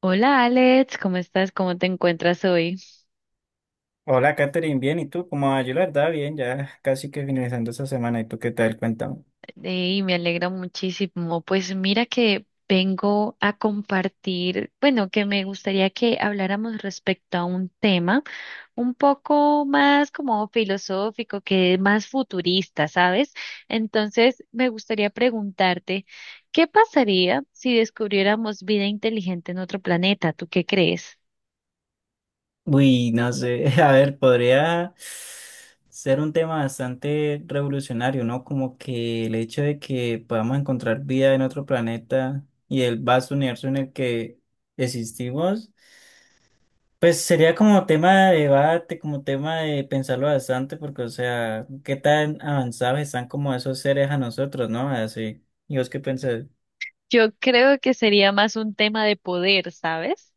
Hola Alex, ¿cómo estás? ¿Cómo te encuentras hoy? Hola, Katherine, bien, ¿y tú? ¿Cómo vas? Yo la verdad, bien, ya casi que finalizando esta semana, ¿y tú qué tal? Cuéntame. Y me alegra muchísimo. Pues mira que vengo a compartir, bueno, que me gustaría que habláramos respecto a un tema un poco más como filosófico, que más futurista, ¿sabes? Entonces, me gustaría preguntarte, ¿qué pasaría si descubriéramos vida inteligente en otro planeta? ¿Tú qué crees? Uy, no sé, a ver, podría ser un tema bastante revolucionario, ¿no? Como que el hecho de que podamos encontrar vida en otro planeta y el vasto universo en el que existimos, pues sería como tema de debate, como tema de pensarlo bastante, porque, o sea, qué tan avanzados están como esos seres a nosotros, ¿no? Así, ¿y vos qué pensás? Yo creo que sería más un tema de poder, ¿sabes?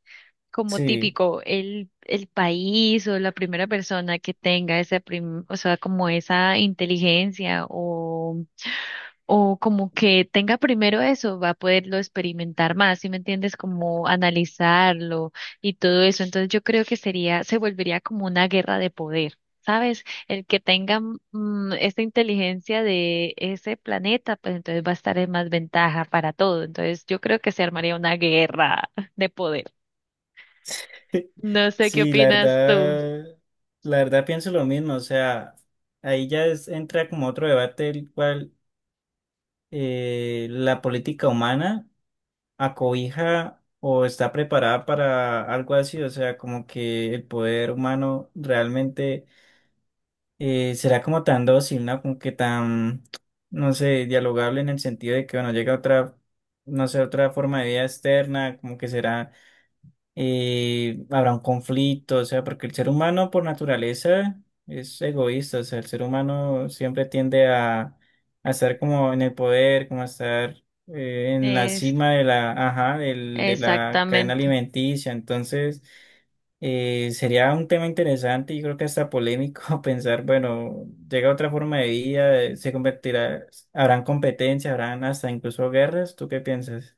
Como Sí. típico, el país o la primera persona que tenga esa o sea, como esa inteligencia o como que tenga primero eso, va a poderlo experimentar más, ¿sí me entiendes? Como analizarlo y todo eso. Entonces yo creo que sería, se volvería como una guerra de poder. ¿Sabes? El que tenga esa inteligencia de ese planeta, pues entonces va a estar en más ventaja para todo. Entonces yo creo que se armaría una guerra de poder. No sé qué Sí, opinas tú. La verdad pienso lo mismo, o sea, ahí entra como otro debate el cual la política humana acobija o está preparada para algo así, o sea, como que el poder humano realmente será como tan dócil, ¿no? Como que tan, no sé, dialogable en el sentido de que, bueno, llega otra, no sé, otra forma de vida externa, como que será habrá un conflicto, o sea, porque el ser humano por naturaleza es egoísta, o sea, el ser humano siempre tiende a estar como en el poder, como a estar en la Es cima de la, ajá, de la cadena exactamente. alimenticia, entonces sería un tema interesante y creo que hasta polémico pensar, bueno, llega otra forma de vida, se convertirá, habrán competencia, habrán hasta incluso guerras, ¿tú qué piensas?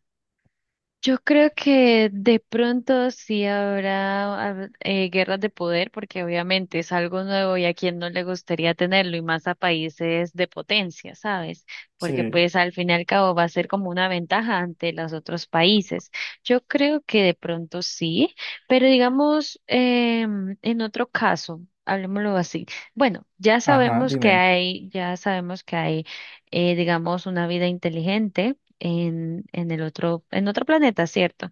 Yo creo que de pronto sí habrá guerras de poder, porque obviamente es algo nuevo y a quien no le gustaría tenerlo, y más a países de potencia, ¿sabes? Porque Sí. pues al fin y al cabo va a ser como una ventaja ante los otros países. Yo creo que de pronto sí, pero digamos, en otro caso, hablemoslo así. Bueno, ya Ajá, sabemos que dime. hay, ya sabemos que hay, digamos, una vida inteligente en, en otro planeta, ¿cierto?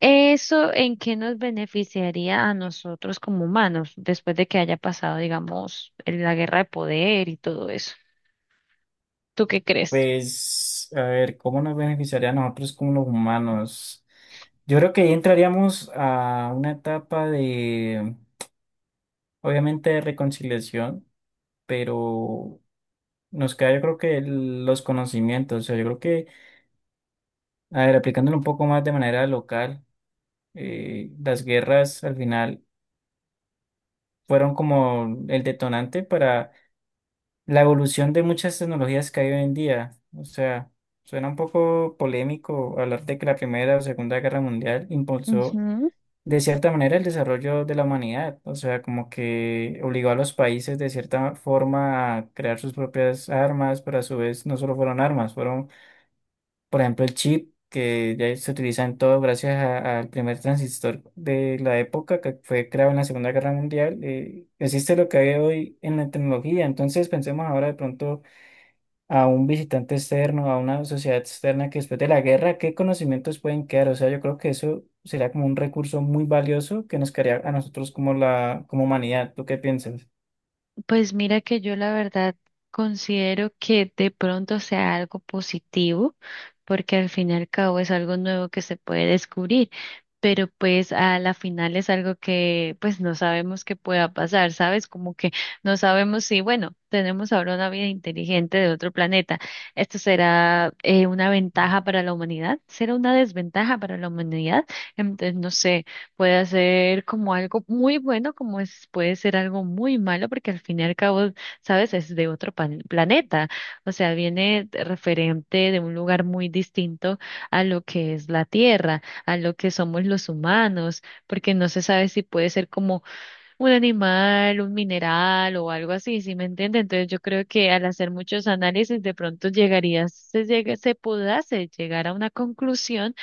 ¿Eso en qué nos beneficiaría a nosotros como humanos después de que haya pasado, digamos, la guerra de poder y todo eso? ¿Tú qué crees? Pues, a ver, ¿cómo nos beneficiaría a nosotros como los humanos? Yo creo que ahí entraríamos a una etapa de, obviamente, de reconciliación, pero nos queda, yo creo que los conocimientos, o sea, yo creo que, a ver, aplicándolo un poco más de manera local, las guerras al final fueron como el detonante para la evolución de muchas tecnologías que hay hoy en día. O sea, suena un poco polémico hablar de que la Primera o Segunda Guerra Mundial impulsó de cierta manera el desarrollo de la humanidad. O sea, como que obligó a los países de cierta forma a crear sus propias armas, pero a su vez no solo fueron armas, fueron, por ejemplo, el chip, que ya se utiliza en todo gracias al primer transistor de la época que fue creado en la Segunda Guerra Mundial. Existe lo que hay hoy en la tecnología, entonces pensemos ahora de pronto a un visitante externo, a una sociedad externa que después de la guerra, ¿qué conocimientos pueden quedar? O sea, yo creo que eso sería como un recurso muy valioso que nos quedaría a nosotros como la, como humanidad. ¿Tú qué piensas? Pues mira que yo la verdad considero que de pronto sea algo positivo, porque al fin y al cabo es algo nuevo que se puede descubrir, pero pues a la final es algo que pues no sabemos qué pueda pasar, ¿sabes? Como que no sabemos si, bueno, tenemos ahora una vida inteligente de otro planeta. ¿Esto será una ventaja para la humanidad? ¿Será una desventaja para la humanidad? Entonces, no sé. Puede ser como algo muy bueno, como es, puede ser algo muy malo, porque al fin y al cabo, sabes, es de otro planeta. O sea, referente de un lugar muy distinto a lo que es la Tierra, a lo que somos los humanos, porque no se sabe si puede ser como un animal, un mineral o algo así, ¿sí me entiende? Entonces yo creo que al hacer muchos análisis, de pronto se podase llegar a una conclusión,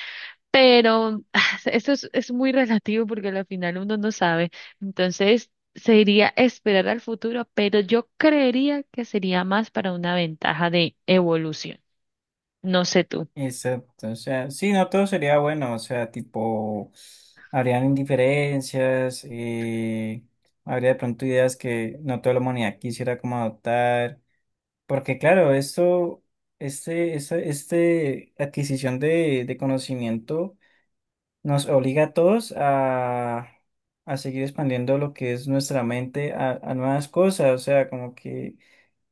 pero es muy relativo porque al final uno no sabe. Entonces, sería esperar al futuro, pero yo creería que sería más para una ventaja de evolución. No sé tú. Exacto, o sea, sí, no todo sería bueno, o sea, tipo, habrían indiferencias, habría de pronto ideas que no toda la humanidad quisiera como adoptar, porque claro, esto, este, esta, este adquisición de conocimiento nos obliga a todos a seguir expandiendo lo que es nuestra mente a nuevas cosas, o sea, como que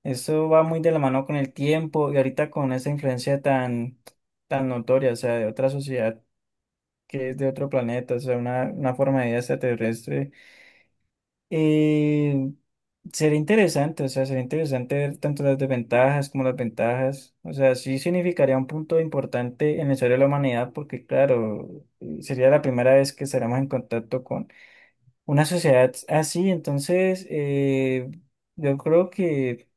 eso va muy de la mano con el tiempo y ahorita con esa influencia tan, tan notoria, o sea, de otra sociedad que es de otro planeta, o sea, una forma de vida extraterrestre. Eh, Sería interesante, o sea, sería interesante ver tanto las desventajas como las ventajas. O sea, sí significaría un punto importante en la historia de la humanidad, porque claro, sería la primera vez que estaremos en contacto con una sociedad así. Entonces, yo creo que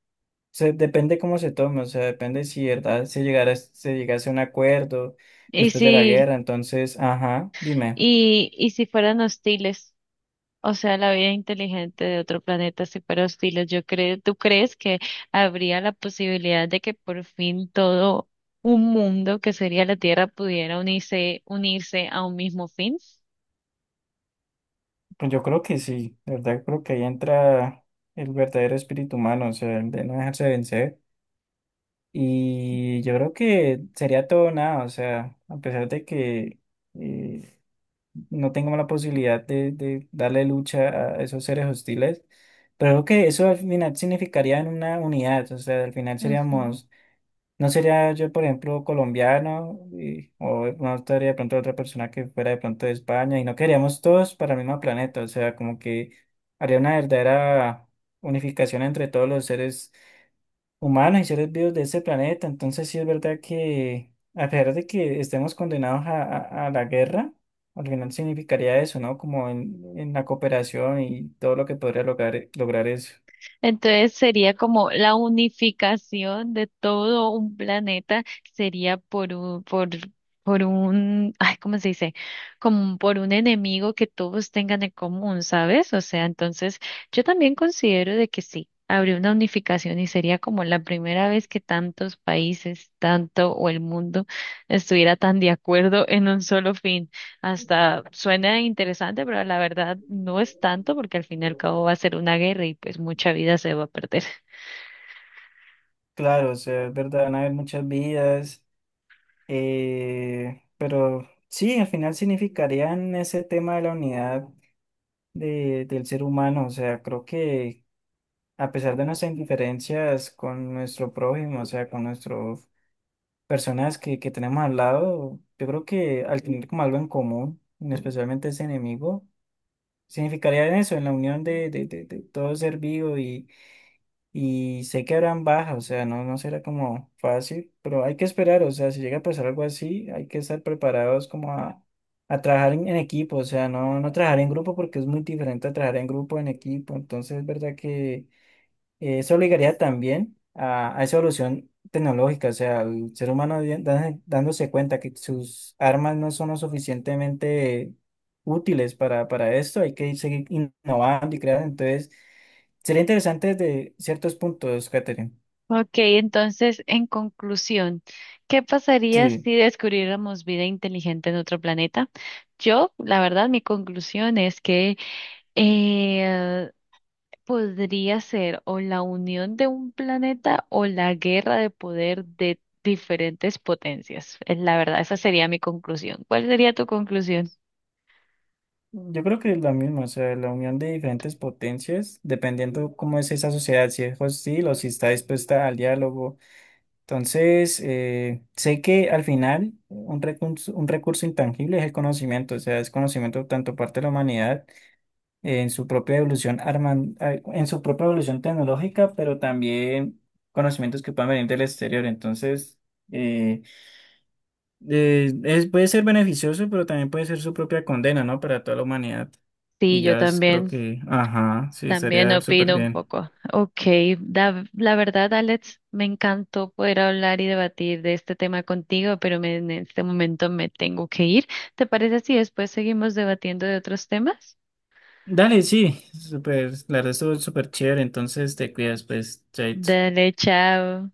se, depende cómo se tome, o sea, depende si verdad se llegara, se llegase a un acuerdo Y después de la si, guerra. Entonces, ajá, dime. Y si fueran hostiles, o sea, la vida inteligente de otro planeta, si fuera hostiles, yo creo, ¿tú crees que habría la posibilidad de que por fin todo un mundo que sería la Tierra pudiera unirse a un mismo fin? Pues yo creo que sí, de verdad creo que ahí entra el verdadero espíritu humano, o sea, el de no dejarse vencer. Y yo creo que sería todo o nada, o sea, a pesar de que eh, no tengamos la posibilidad de darle lucha a esos seres hostiles, pero creo que eso al final significaría en una unidad, o sea, al final Ujú. seríamos no sería yo, por ejemplo, colombiano, o no estaría de pronto otra persona que fuera de pronto de España, y no queríamos todos para el mismo planeta, o sea, como que haría una verdadera unificación entre todos los seres humanos y seres vivos de ese planeta. Entonces, sí es verdad que, a pesar de que estemos condenados a, a la guerra, al final significaría eso, ¿no? Como en la cooperación y todo lo que podría lograr, lograr eso. Entonces sería como la unificación de todo un planeta, sería por un, ay, ¿cómo se dice? Como por un enemigo que todos tengan en común, ¿sabes? O sea, entonces yo también considero de que sí, habría una unificación y sería como la primera vez que tantos países, tanto o el mundo estuviera tan de acuerdo en un solo fin. Hasta suena interesante, pero la verdad no es tanto porque al fin y al cabo va a ser una guerra y pues mucha vida se va a perder. Claro, o sea, es verdad, van a haber muchas vidas. Pero sí, al final significarían ese tema de la unidad del ser humano. O sea, creo que a pesar de nuestras indiferencias con nuestro prójimo, o sea, con nuestras personas que tenemos al lado, yo creo que al tener como algo en común, y especialmente ese enemigo, significaría en eso, en la unión de todo ser vivo y sé que habrán bajas, o sea, no, no será como fácil, pero hay que esperar, o sea, si llega a pasar algo así, hay que estar preparados como a trabajar en equipo, o sea, no, no trabajar en grupo porque es muy diferente a trabajar en grupo, en equipo, entonces es verdad que eso obligaría también a esa evolución tecnológica, o sea, el ser humano dándose cuenta que sus armas no son lo suficientemente útiles para esto, hay que seguir innovando y creando. Entonces, sería interesante desde ciertos puntos, Catherine. Ok, entonces, en conclusión, ¿qué pasaría Sí, si descubriéramos vida inteligente en otro planeta? Yo, la verdad, mi conclusión es que eh, podría ser o la unión de un planeta o la guerra de poder de diferentes potencias. Es la verdad, esa sería mi conclusión. ¿Cuál sería tu conclusión? yo creo que es la misma, o sea, la unión de diferentes potencias, dependiendo cómo es esa sociedad, si es hostil o si está dispuesta al diálogo. Entonces, sé que al final un recurso intangible es el conocimiento, o sea, es conocimiento tanto parte de la humanidad en su propia evolución en su propia evolución tecnológica, pero también conocimientos que puedan venir del exterior. Entonces, eh, puede ser beneficioso, pero también puede ser su propia condena, ¿no? Para toda la humanidad. Sí, Y yo ya creo también. que, ajá, sí, También estaría súper opino un bien. poco. Ok, la verdad, Alex, me encantó poder hablar y debatir de este tema contigo, pero en este momento me tengo que ir. ¿Te parece si después seguimos debatiendo de otros temas? Dale, sí, súper, la verdad estuvo súper chévere, entonces te cuidas, pues, chaito. Dale, chao.